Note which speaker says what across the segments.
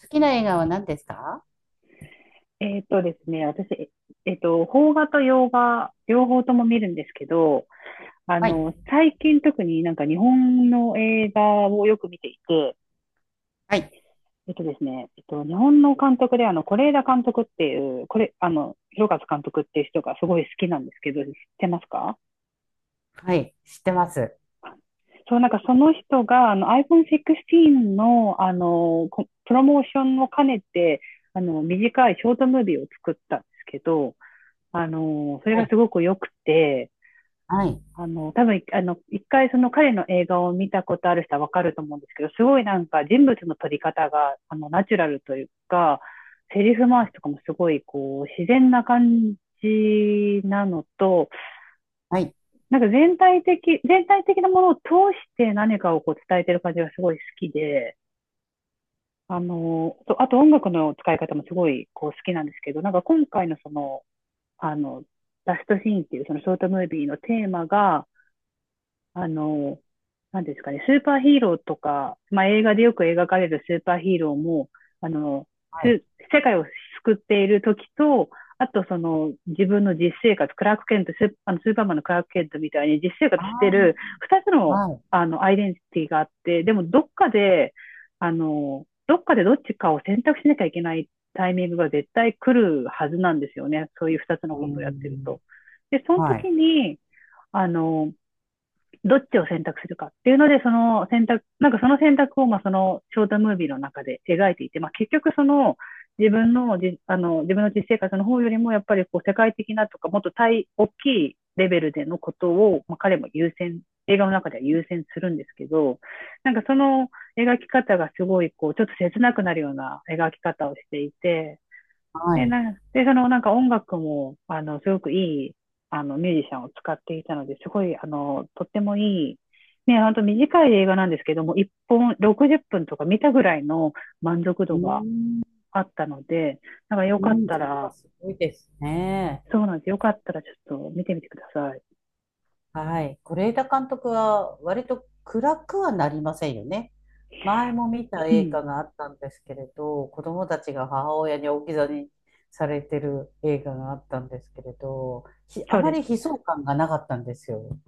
Speaker 1: 好きな映画は何ですか？
Speaker 2: ですね、私、邦画と洋画、両方とも見るんですけど、
Speaker 1: はい。
Speaker 2: 最近特になんか日本の映画をよく見ていて、
Speaker 1: はい。
Speaker 2: えっとですね、えっと、日本の監督で、是枝監督っていう、これ、広和監督っていう人がすごい好きなんですけど、知ってますか？
Speaker 1: はい。知ってます。
Speaker 2: そう、なんかその人が、iPhone16 の、プロモーションを兼ねて、短いショートムービーを作ったんですけど、それ
Speaker 1: は
Speaker 2: が
Speaker 1: い。
Speaker 2: すごく良くて、
Speaker 1: はい。
Speaker 2: 多分、一回その彼の映画を見たことある人はわかると思うんですけど、すごいなんか人物の撮り方が、ナチュラルというか、セリフ回しとかもすごい、こう、自然な感じなのと、
Speaker 1: はい。
Speaker 2: なんか全体的なものを通して何かをこう伝えてる感じがすごい好きで、あと音楽の使い方もすごい、こう、好きなんですけど、なんか今回のその、あの、ラストシーンっていうそのショートムービーのテーマが、あの、なんですかね、スーパーヒーローとか、まあ、映画でよく描かれるスーパーヒーローも、あの、
Speaker 1: はい。
Speaker 2: す世界を救っている時と、あとその自分の実生活、クラーク・ケント、スーパーマンのクラーク・ケントみたいに実生活してる
Speaker 1: あ
Speaker 2: 二つ
Speaker 1: あ、
Speaker 2: の、
Speaker 1: はい。
Speaker 2: アイデンティティがあって、でもどっかで、どっちかを選択しなきゃいけないタイミングが絶対来るはずなんですよね。そういう二つの
Speaker 1: うー
Speaker 2: ことをやってる
Speaker 1: ん。
Speaker 2: と。で、その
Speaker 1: は
Speaker 2: 時
Speaker 1: い。
Speaker 2: に、あの、どっちを選択するかっていうので、その選択、なんかその選択を、まあ、そのショートムービーの中で描いていて、まあ、結局その自分の実生活の方よりも、やっぱりこう世界的なとか、もっと大きいレベルでのことを、まあ、彼も優先、映画の中では優先するんですけど、なんかその描き方がすごい、こう、ちょっと切なくなるような描き方をしていて、
Speaker 1: は
Speaker 2: で、
Speaker 1: い。
Speaker 2: なんで、そのなんか音楽も、すごくいい、ミュージシャンを使っていたので、すごい、とってもいい、ね、ほんと短い映画なんですけども、1本60分とか見たぐらいの満足
Speaker 1: う
Speaker 2: 度
Speaker 1: ー
Speaker 2: が
Speaker 1: ん。
Speaker 2: あったので、なんかよかっ
Speaker 1: うん。
Speaker 2: た
Speaker 1: それは
Speaker 2: ら、
Speaker 1: すごいですね。
Speaker 2: そうなんです。よかったらちょっと見てみてください。
Speaker 1: はい。是枝監督は割と暗くはなりませんよね。前も見た
Speaker 2: う
Speaker 1: 映
Speaker 2: ん。
Speaker 1: 画があったんですけれど、子供たちが母親に置き去りにされてる映画があったんですけれど、ひあ
Speaker 2: そう
Speaker 1: ま
Speaker 2: で
Speaker 1: り
Speaker 2: す。
Speaker 1: 悲壮感がなかったんですよ。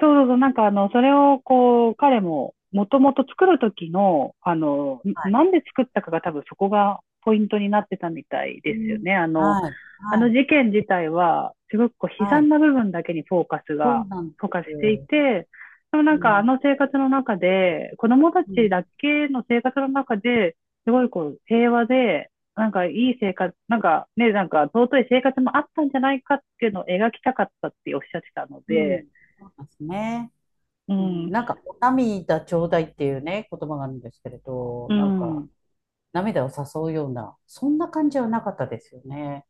Speaker 2: そうそうそう、なんかそれをこう、彼も、もともと作る時の、なんで作ったかが多分そこがポイントになってたみたい
Speaker 1: う
Speaker 2: ですよ
Speaker 1: ん。
Speaker 2: ね。
Speaker 1: はい。
Speaker 2: あ
Speaker 1: は
Speaker 2: の
Speaker 1: い。
Speaker 2: 事件自体は、すごくこう悲
Speaker 1: は
Speaker 2: 惨
Speaker 1: い。
Speaker 2: な部分だけに
Speaker 1: そうなんで
Speaker 2: フォーカス
Speaker 1: す
Speaker 2: してい
Speaker 1: よ。
Speaker 2: て、でもな
Speaker 1: う
Speaker 2: んかあ
Speaker 1: ん。
Speaker 2: の生活の中で、子供た
Speaker 1: う
Speaker 2: ち
Speaker 1: ん。
Speaker 2: だけの生活の中で、すごいこう平和で、なんかいい生活、なんかね、なんか尊い生活もあったんじゃないかっていうのを描きたかったっておっしゃってたの
Speaker 1: うん。
Speaker 2: で、
Speaker 1: そうですね。
Speaker 2: う
Speaker 1: うん。
Speaker 2: ん、
Speaker 1: なんか、お涙ちょうだいっていうね、言葉があるんですけれど、
Speaker 2: う
Speaker 1: なんか、
Speaker 2: ん。
Speaker 1: 涙を誘うような、そんな感じはなかったですよね。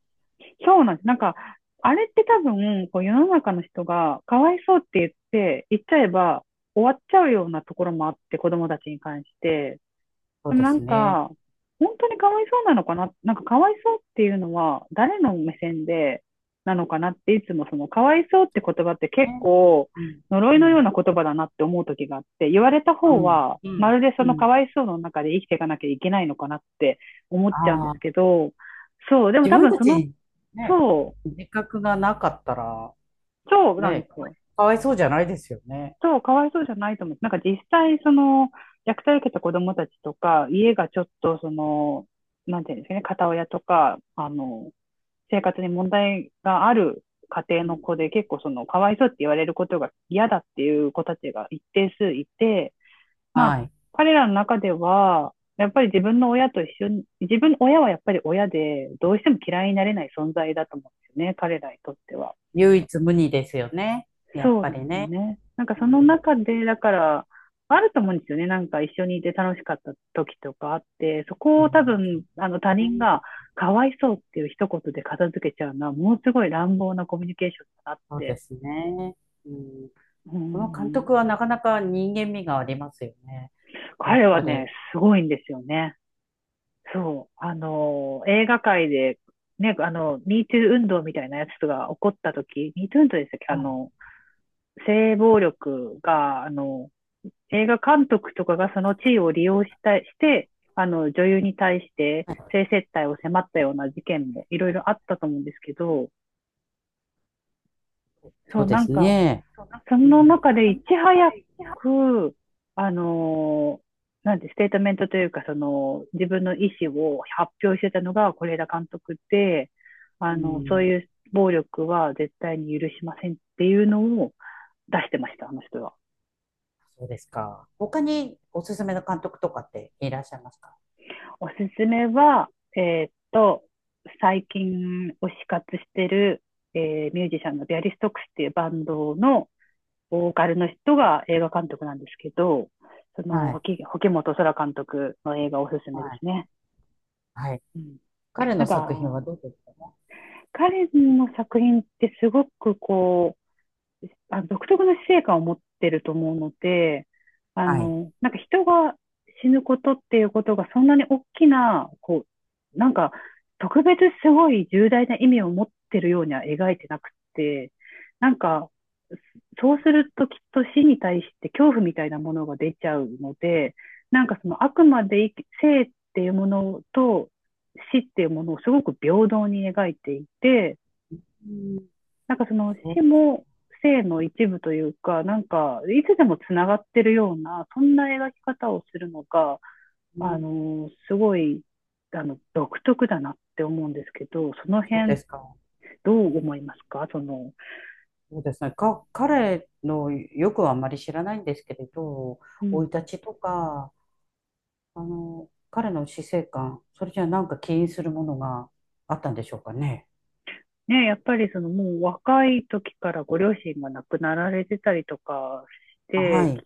Speaker 2: そうなんです。なんか、あれって多分、こう世の中の人が、かわいそうって言って、言っちゃえば終わっちゃうようなところもあって、子供たちに関して。
Speaker 1: そう
Speaker 2: でも
Speaker 1: で
Speaker 2: な
Speaker 1: す
Speaker 2: ん
Speaker 1: ね。
Speaker 2: か、本当にかわいそうなのかな、なんかかわいそうっていうのは、誰の目線でなのかなって、いつもその、かわいそうって言葉って結
Speaker 1: ね。
Speaker 2: 構、
Speaker 1: うん。
Speaker 2: 呪
Speaker 1: う
Speaker 2: いのよう
Speaker 1: ん。
Speaker 2: な言葉だなって思う時があって、言われた
Speaker 1: う
Speaker 2: 方
Speaker 1: ん。
Speaker 2: は、
Speaker 1: う
Speaker 2: ま
Speaker 1: ん。
Speaker 2: るでそ
Speaker 1: う
Speaker 2: の
Speaker 1: ん。
Speaker 2: かわいそうの中で生きていかなきゃいけないのかなって思っちゃうんで
Speaker 1: あ
Speaker 2: す
Speaker 1: あ、
Speaker 2: けど、そう、でも
Speaker 1: 自
Speaker 2: 多
Speaker 1: 分
Speaker 2: 分
Speaker 1: た
Speaker 2: そ
Speaker 1: ち
Speaker 2: の、
Speaker 1: にね、
Speaker 2: そ
Speaker 1: 自覚がなかったら、
Speaker 2: う、そうなん
Speaker 1: ね、
Speaker 2: で
Speaker 1: か
Speaker 2: す
Speaker 1: わい、
Speaker 2: よ。
Speaker 1: かわいそうじゃないですよね。
Speaker 2: そう、かわいそうじゃないと思う。なんか実際、その、虐待を受けた子供たちとか、家がちょっと、その、なんていうんですかね、片親とか、生活に問題がある家庭
Speaker 1: う
Speaker 2: の
Speaker 1: ん。
Speaker 2: 子で、結構その、かわいそうって言われることが嫌だっていう子たちが一定数いて、ま
Speaker 1: は
Speaker 2: あ、
Speaker 1: い。
Speaker 2: 彼らの中では、やっぱり自分の親と一緒に、親はやっぱり親で、どうしても嫌いになれない存在だと思うんですよね、彼らにとっては。
Speaker 1: 唯一無二ですよね。やっ
Speaker 2: そう
Speaker 1: ぱ
Speaker 2: なん
Speaker 1: り
Speaker 2: ですよ
Speaker 1: ね。
Speaker 2: ね。なんか
Speaker 1: う
Speaker 2: その
Speaker 1: ん。
Speaker 2: 中で、だから、あると思うんですよね。なんか一緒にいて楽しかった時とかあって、そ
Speaker 1: う
Speaker 2: こを多
Speaker 1: ん。
Speaker 2: 分、他
Speaker 1: そう
Speaker 2: 人
Speaker 1: ね。
Speaker 2: がかわいそうっていう一言で片付けちゃうのは、ものすごい乱暴なコミュニケーションだなっ
Speaker 1: そうで
Speaker 2: て。
Speaker 1: すね。うん。
Speaker 2: う
Speaker 1: その監
Speaker 2: ん。
Speaker 1: 督はなかなか人間味がありますよね。やっ
Speaker 2: 彼
Speaker 1: ぱ
Speaker 2: は
Speaker 1: り。
Speaker 2: ね、すごいんですよね。そう。映画界で、ね、ミートゥー運動みたいなやつが起こった時、ミートゥー運動でしたっけ
Speaker 1: はい。
Speaker 2: 性暴力が、映画監督とかがその地位を利用したして、女優に対して性接待を迫ったような事件もいろいろあったと思うんですけど、
Speaker 1: そ
Speaker 2: そう、
Speaker 1: うで
Speaker 2: なん
Speaker 1: す
Speaker 2: か、
Speaker 1: ね。そう、なんか、
Speaker 2: そ
Speaker 1: う
Speaker 2: の
Speaker 1: ん。
Speaker 2: 中で
Speaker 1: その
Speaker 2: いち
Speaker 1: 中
Speaker 2: 早
Speaker 1: で、いや、
Speaker 2: く、あの、なんて、ステートメントというか、その、自分の意思を発表してたのが是枝監督で、
Speaker 1: う
Speaker 2: そう
Speaker 1: ん。
Speaker 2: いう暴力は絶対に許しませんっていうのを出してました、あの人は。
Speaker 1: そうですか。他におすすめの監督とかっていらっしゃいますか？
Speaker 2: おすすめは、えーっと、最近推し活してる、ミュージシャンのビアリストックスっていうバンドのボーカルの人が映画監督なんですけど、その、
Speaker 1: はい。
Speaker 2: 保本空監督の映画おすすめで
Speaker 1: はい。
Speaker 2: すね。
Speaker 1: はい。
Speaker 2: うん、
Speaker 1: 彼
Speaker 2: な
Speaker 1: の
Speaker 2: ん
Speaker 1: 作品は
Speaker 2: か、
Speaker 1: どうですかね？
Speaker 2: 彼の作品ってすごくこう、独特の死生観を持ってると思うので、
Speaker 1: はい。
Speaker 2: なんか人が死ぬことっていうことがそんなに大きな、こう、なんか特別すごい重大な意味を持ってるようには描いてなくて、なんかそうするときっと死に対して恐怖みたいなものが出ちゃうので、なんかそのあくまで生っていうものと死っていうものをすごく平等に描いていて、
Speaker 1: うん。
Speaker 2: なんかその
Speaker 1: そ
Speaker 2: 死
Speaker 1: うです
Speaker 2: も生の一部というか、なんかいつでもつながってるような、そんな描き方をするのが、
Speaker 1: ね。
Speaker 2: すごい、独特だなって思うんですけど、その
Speaker 1: そうで
Speaker 2: 辺
Speaker 1: すか。
Speaker 2: ど
Speaker 1: う
Speaker 2: う
Speaker 1: ん。
Speaker 2: 思いますかその、
Speaker 1: そうですね。か、彼のよくはあんまり知らないんですけれど、
Speaker 2: う
Speaker 1: 生
Speaker 2: ん
Speaker 1: い立ちとか、あの、彼の死生観、それじゃなんか起因するものがあったんでしょうかね。
Speaker 2: ね、やっぱりそのもう若い時からご両親が亡くなられてたりとかし
Speaker 1: あ、は
Speaker 2: て、
Speaker 1: い、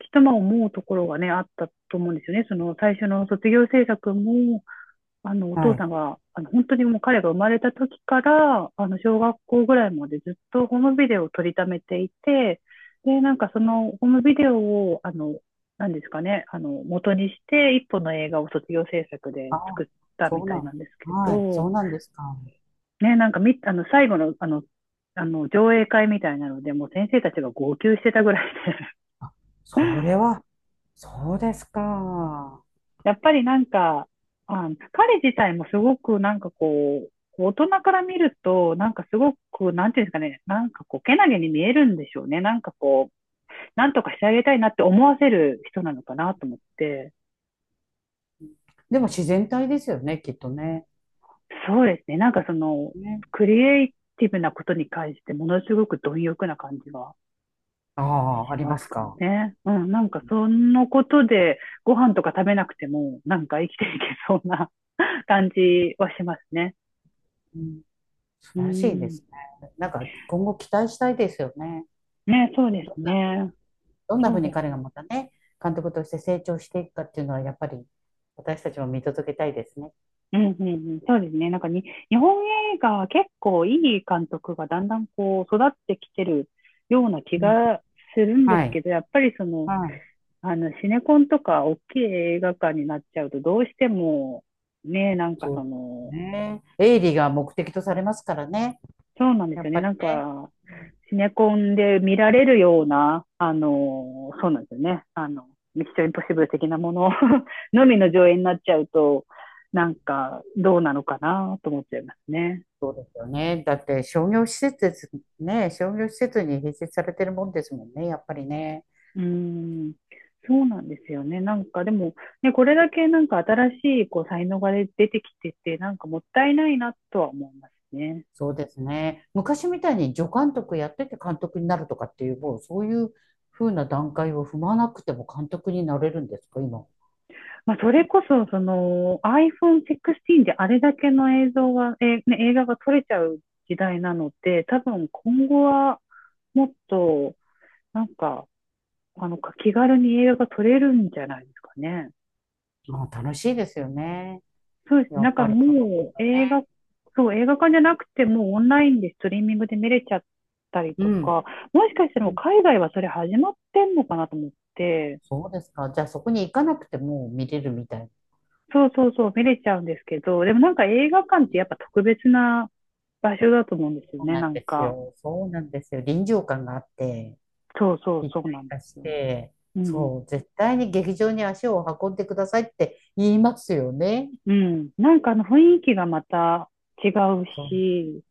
Speaker 2: きっとまあ思うところがね、あったと思うんですよね。その最初の卒業制作も、お父
Speaker 1: はい。
Speaker 2: さんが、本当にもう彼が生まれた時から、小学校ぐらいまでずっとホームビデオを撮りためていて、で、なんかそのホームビデオを、なんですかね、元にして一本の映画を卒業制作で
Speaker 1: あ、
Speaker 2: 作った
Speaker 1: そ
Speaker 2: み
Speaker 1: う
Speaker 2: た
Speaker 1: な
Speaker 2: いな
Speaker 1: ん、
Speaker 2: んですけ
Speaker 1: はい、そ
Speaker 2: ど、
Speaker 1: うなんですか。
Speaker 2: ね、なんかみ、あの、最後の、上映会みたいなので、もう先生たちが号泣してたぐらいで
Speaker 1: それは、そうですか。
Speaker 2: やっぱりなんか、あ、彼自体もすごくなんかこう、大人から見ると、なんかすごく、なんていうんですかね、なんかこう、けなげに見えるんでしょうね。なんかこう、なんとかしてあげたいなって思わせる人なのかなと思って、
Speaker 1: でも自然体ですよね、きっとね。
Speaker 2: そうですね、なんかその、
Speaker 1: ね。
Speaker 2: クリエイティブなことに関して、ものすごく貪欲な感じが
Speaker 1: ああ、あ
Speaker 2: し
Speaker 1: り
Speaker 2: ま
Speaker 1: ま
Speaker 2: す
Speaker 1: す
Speaker 2: か
Speaker 1: か。
Speaker 2: ね。うん、なんかそのことで、ご飯とか食べなくても、なんか生きていけそうな 感じはしますね。
Speaker 1: うん、素
Speaker 2: う
Speaker 1: 晴らしいで
Speaker 2: ん。
Speaker 1: すね。なんか今後期待したいですよね。
Speaker 2: ね、そうですね。
Speaker 1: どんなふ
Speaker 2: そ
Speaker 1: う
Speaker 2: う
Speaker 1: に
Speaker 2: で
Speaker 1: 彼
Speaker 2: す。
Speaker 1: がまたね、監督として成長していくかっていうのは、やっぱり私たちも見届けたいですね。
Speaker 2: うんうんうん。そうですね。なんかに、日本映画は結構いい監督がだんだんこう育ってきてるような気
Speaker 1: うん、
Speaker 2: がするんで
Speaker 1: は
Speaker 2: すけ
Speaker 1: い。
Speaker 2: ど、やっぱりその、
Speaker 1: は
Speaker 2: シネコンとか大きい映画館になっちゃうと、どうしても、ね、なん
Speaker 1: い。
Speaker 2: か
Speaker 1: そう
Speaker 2: そ
Speaker 1: です
Speaker 2: の、
Speaker 1: ね。営利が目的とされますからね。
Speaker 2: そうなんで
Speaker 1: や
Speaker 2: すよ
Speaker 1: っ
Speaker 2: ね。
Speaker 1: ぱり
Speaker 2: なん
Speaker 1: ね。
Speaker 2: か、
Speaker 1: うん。
Speaker 2: シネコンで見られるような、そうなんですよね。ミッションインポッシブル的なもの のみの上映になっちゃうと、なんか、どうなのかなと思っちゃいますね。
Speaker 1: そうですよね。だって商業施設ですね。商業施設に併設されてるもんですもんね。やっぱりね。
Speaker 2: うん。そうなんですよね。なんかでも、ね、これだけなんか新しいこう才能がね出てきてて、なんかもったいないなとは思いますね。
Speaker 1: そうですね。昔みたいに助監督やってて監督になるとかっていう、もうそういう風な段階を踏まなくても監督になれるんですか、今。
Speaker 2: まあ、それこそ、その iPhone 16 であれだけの映像が、ね、映画が撮れちゃう時代なので、多分今後はもっと、なんか、あの、気軽に映画が撮れるんじゃないですかね。
Speaker 1: まあ、楽しいですよね。
Speaker 2: そうですね。
Speaker 1: や
Speaker 2: なん
Speaker 1: っ
Speaker 2: か
Speaker 1: ぱりその方
Speaker 2: もう
Speaker 1: が
Speaker 2: 映
Speaker 1: ね。
Speaker 2: 画、そう、映画館じゃなくてもうオンラインでストリーミングで見れちゃったり
Speaker 1: う
Speaker 2: と
Speaker 1: ん。
Speaker 2: か、もしかしたら
Speaker 1: う
Speaker 2: もう
Speaker 1: ん。
Speaker 2: 海外はそれ始まってんのかなと思って、
Speaker 1: そうですか。じゃあそこに行かなくても見れるみたいな。
Speaker 2: そうそうそう、見れちゃうんですけど、でもなんか映画館ってやっぱ特別な場所だと思うんですよ
Speaker 1: そう
Speaker 2: ね、
Speaker 1: なん
Speaker 2: なん
Speaker 1: です
Speaker 2: か。
Speaker 1: よ。そうなんですよ。臨場感があって、
Speaker 2: そうそう、
Speaker 1: 一
Speaker 2: そうな
Speaker 1: 体
Speaker 2: んで
Speaker 1: 化し
Speaker 2: すよ。
Speaker 1: て、
Speaker 2: うん。
Speaker 1: そう、絶対に劇場に足を運んでくださいって言いますよね。
Speaker 2: うん。なんかあの雰囲気がまた違う
Speaker 1: そう、
Speaker 2: し、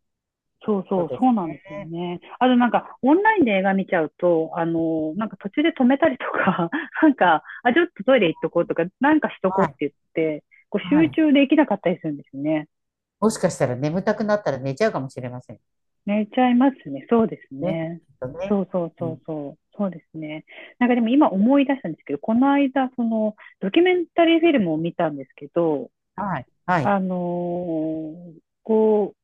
Speaker 2: そう
Speaker 1: そ
Speaker 2: そ
Speaker 1: う
Speaker 2: う、
Speaker 1: です
Speaker 2: そうなんですよ
Speaker 1: ね。
Speaker 2: ね。あとなんか、オンラインで映画見ちゃうと、なんか途中で止めたりとか、なんか、あ、ちょっとトイレ行っとこうとか、なんかしとこう
Speaker 1: は
Speaker 2: って
Speaker 1: い。
Speaker 2: 言って、こう
Speaker 1: は
Speaker 2: 集
Speaker 1: い。
Speaker 2: 中できなかったりするんですよね。
Speaker 1: もしかしたら眠たくなったら寝ちゃうかもしれません
Speaker 2: 寝ちゃいますね。そうです
Speaker 1: ね。
Speaker 2: ね。
Speaker 1: きっとね。
Speaker 2: そうそう
Speaker 1: う
Speaker 2: そう
Speaker 1: ん。
Speaker 2: そう。そうですね。なんかでも今思い出したんですけど、この間、その、ドキュメンタリーフィルムを見たんですけど、
Speaker 1: はい。はい。
Speaker 2: あのーこう、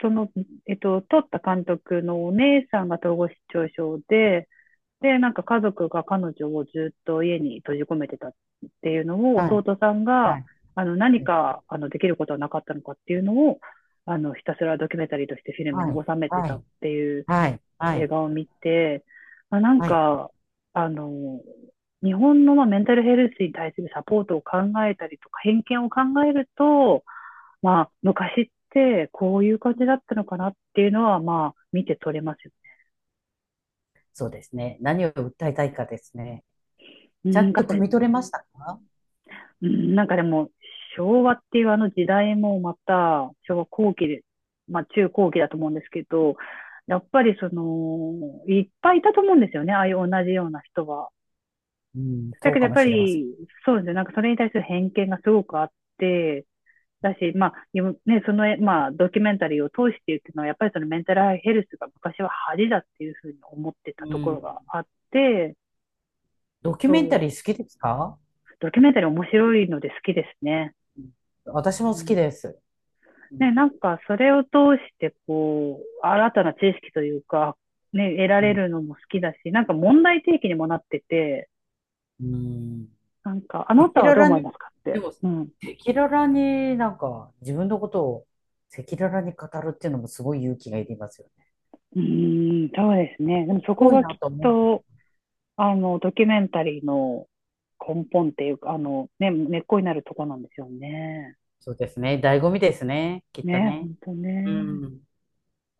Speaker 2: その、撮った監督のお姉さんが統合失調症で、で、なんか家族が彼女をずっと家に閉じ込めてたっていうのを、
Speaker 1: はい。
Speaker 2: 弟さん
Speaker 1: は
Speaker 2: が、
Speaker 1: い。は
Speaker 2: 何
Speaker 1: い。
Speaker 2: か、できることはなかったのかっていうのを、ひたすらドキュメンタリーとしてフィルムに
Speaker 1: はい。
Speaker 2: 収めて
Speaker 1: は
Speaker 2: たっ
Speaker 1: い。
Speaker 2: ていう
Speaker 1: はい。はい。は
Speaker 2: 映
Speaker 1: い。
Speaker 2: 画を見て、まあ、なん
Speaker 1: はい。
Speaker 2: か、あの、日本のまあメンタルヘルスに対するサポートを考えたりとか、偏見を考えると、まあ、昔ってこういう感じだったのかなっていうのは、まあ、見て取れますよ。
Speaker 1: そうですね。何を訴えたいかですね。
Speaker 2: う
Speaker 1: ちゃん
Speaker 2: ん、
Speaker 1: と汲み取れましたか？
Speaker 2: うんなんかでも、昭和っていうあの時代もまた、昭和後期で、まあ、中後期だと思うんですけど、やっぱりその、いっぱいいたと思うんですよね、ああいう同じような人は。
Speaker 1: うん、
Speaker 2: だ
Speaker 1: そう
Speaker 2: けど
Speaker 1: か
Speaker 2: やっ
Speaker 1: も
Speaker 2: ぱ
Speaker 1: しれません。
Speaker 2: り、そうですね、なんかそれに対する偏見がすごくあって、だし、まあ、ね、その、まあ、ドキュメンタリーを通して言ってのは、やっぱりそのメンタルヘルスが昔は恥だっていうふうに思ってた
Speaker 1: う
Speaker 2: ところ
Speaker 1: ん。
Speaker 2: があって、
Speaker 1: ドキュ
Speaker 2: そ
Speaker 1: メンタリ
Speaker 2: う、
Speaker 1: ー好きですか？
Speaker 2: ドキュメンタリー面白いので好きですね。
Speaker 1: うん、私
Speaker 2: う
Speaker 1: も好
Speaker 2: ん、
Speaker 1: きです。う
Speaker 2: ね、
Speaker 1: ん。
Speaker 2: なんかそれを通して、こう、新たな知識というか、ね、得ら
Speaker 1: う
Speaker 2: れ
Speaker 1: ん。
Speaker 2: るのも好きだし、なんか問題提起にもなってて、
Speaker 1: うん。
Speaker 2: なんか、あな
Speaker 1: 赤
Speaker 2: たは
Speaker 1: 裸
Speaker 2: どう
Speaker 1: 々
Speaker 2: 思い
Speaker 1: に、
Speaker 2: ますかっ
Speaker 1: で
Speaker 2: て、
Speaker 1: も、赤
Speaker 2: うん、
Speaker 1: 裸々になんか自分のことを赤裸々に語るっていうのもすごい勇気がいりますよね。
Speaker 2: うーん、そうですね。で
Speaker 1: す
Speaker 2: もそこ
Speaker 1: ごい
Speaker 2: がきっ
Speaker 1: なと思う。
Speaker 2: と、ドキュメンタリーの根本っていうか、ね、根っこになるとこなんですよね。
Speaker 1: そうですね。醍醐味ですね。きっと
Speaker 2: ね、
Speaker 1: ね。
Speaker 2: 本当
Speaker 1: う
Speaker 2: ね。
Speaker 1: ん。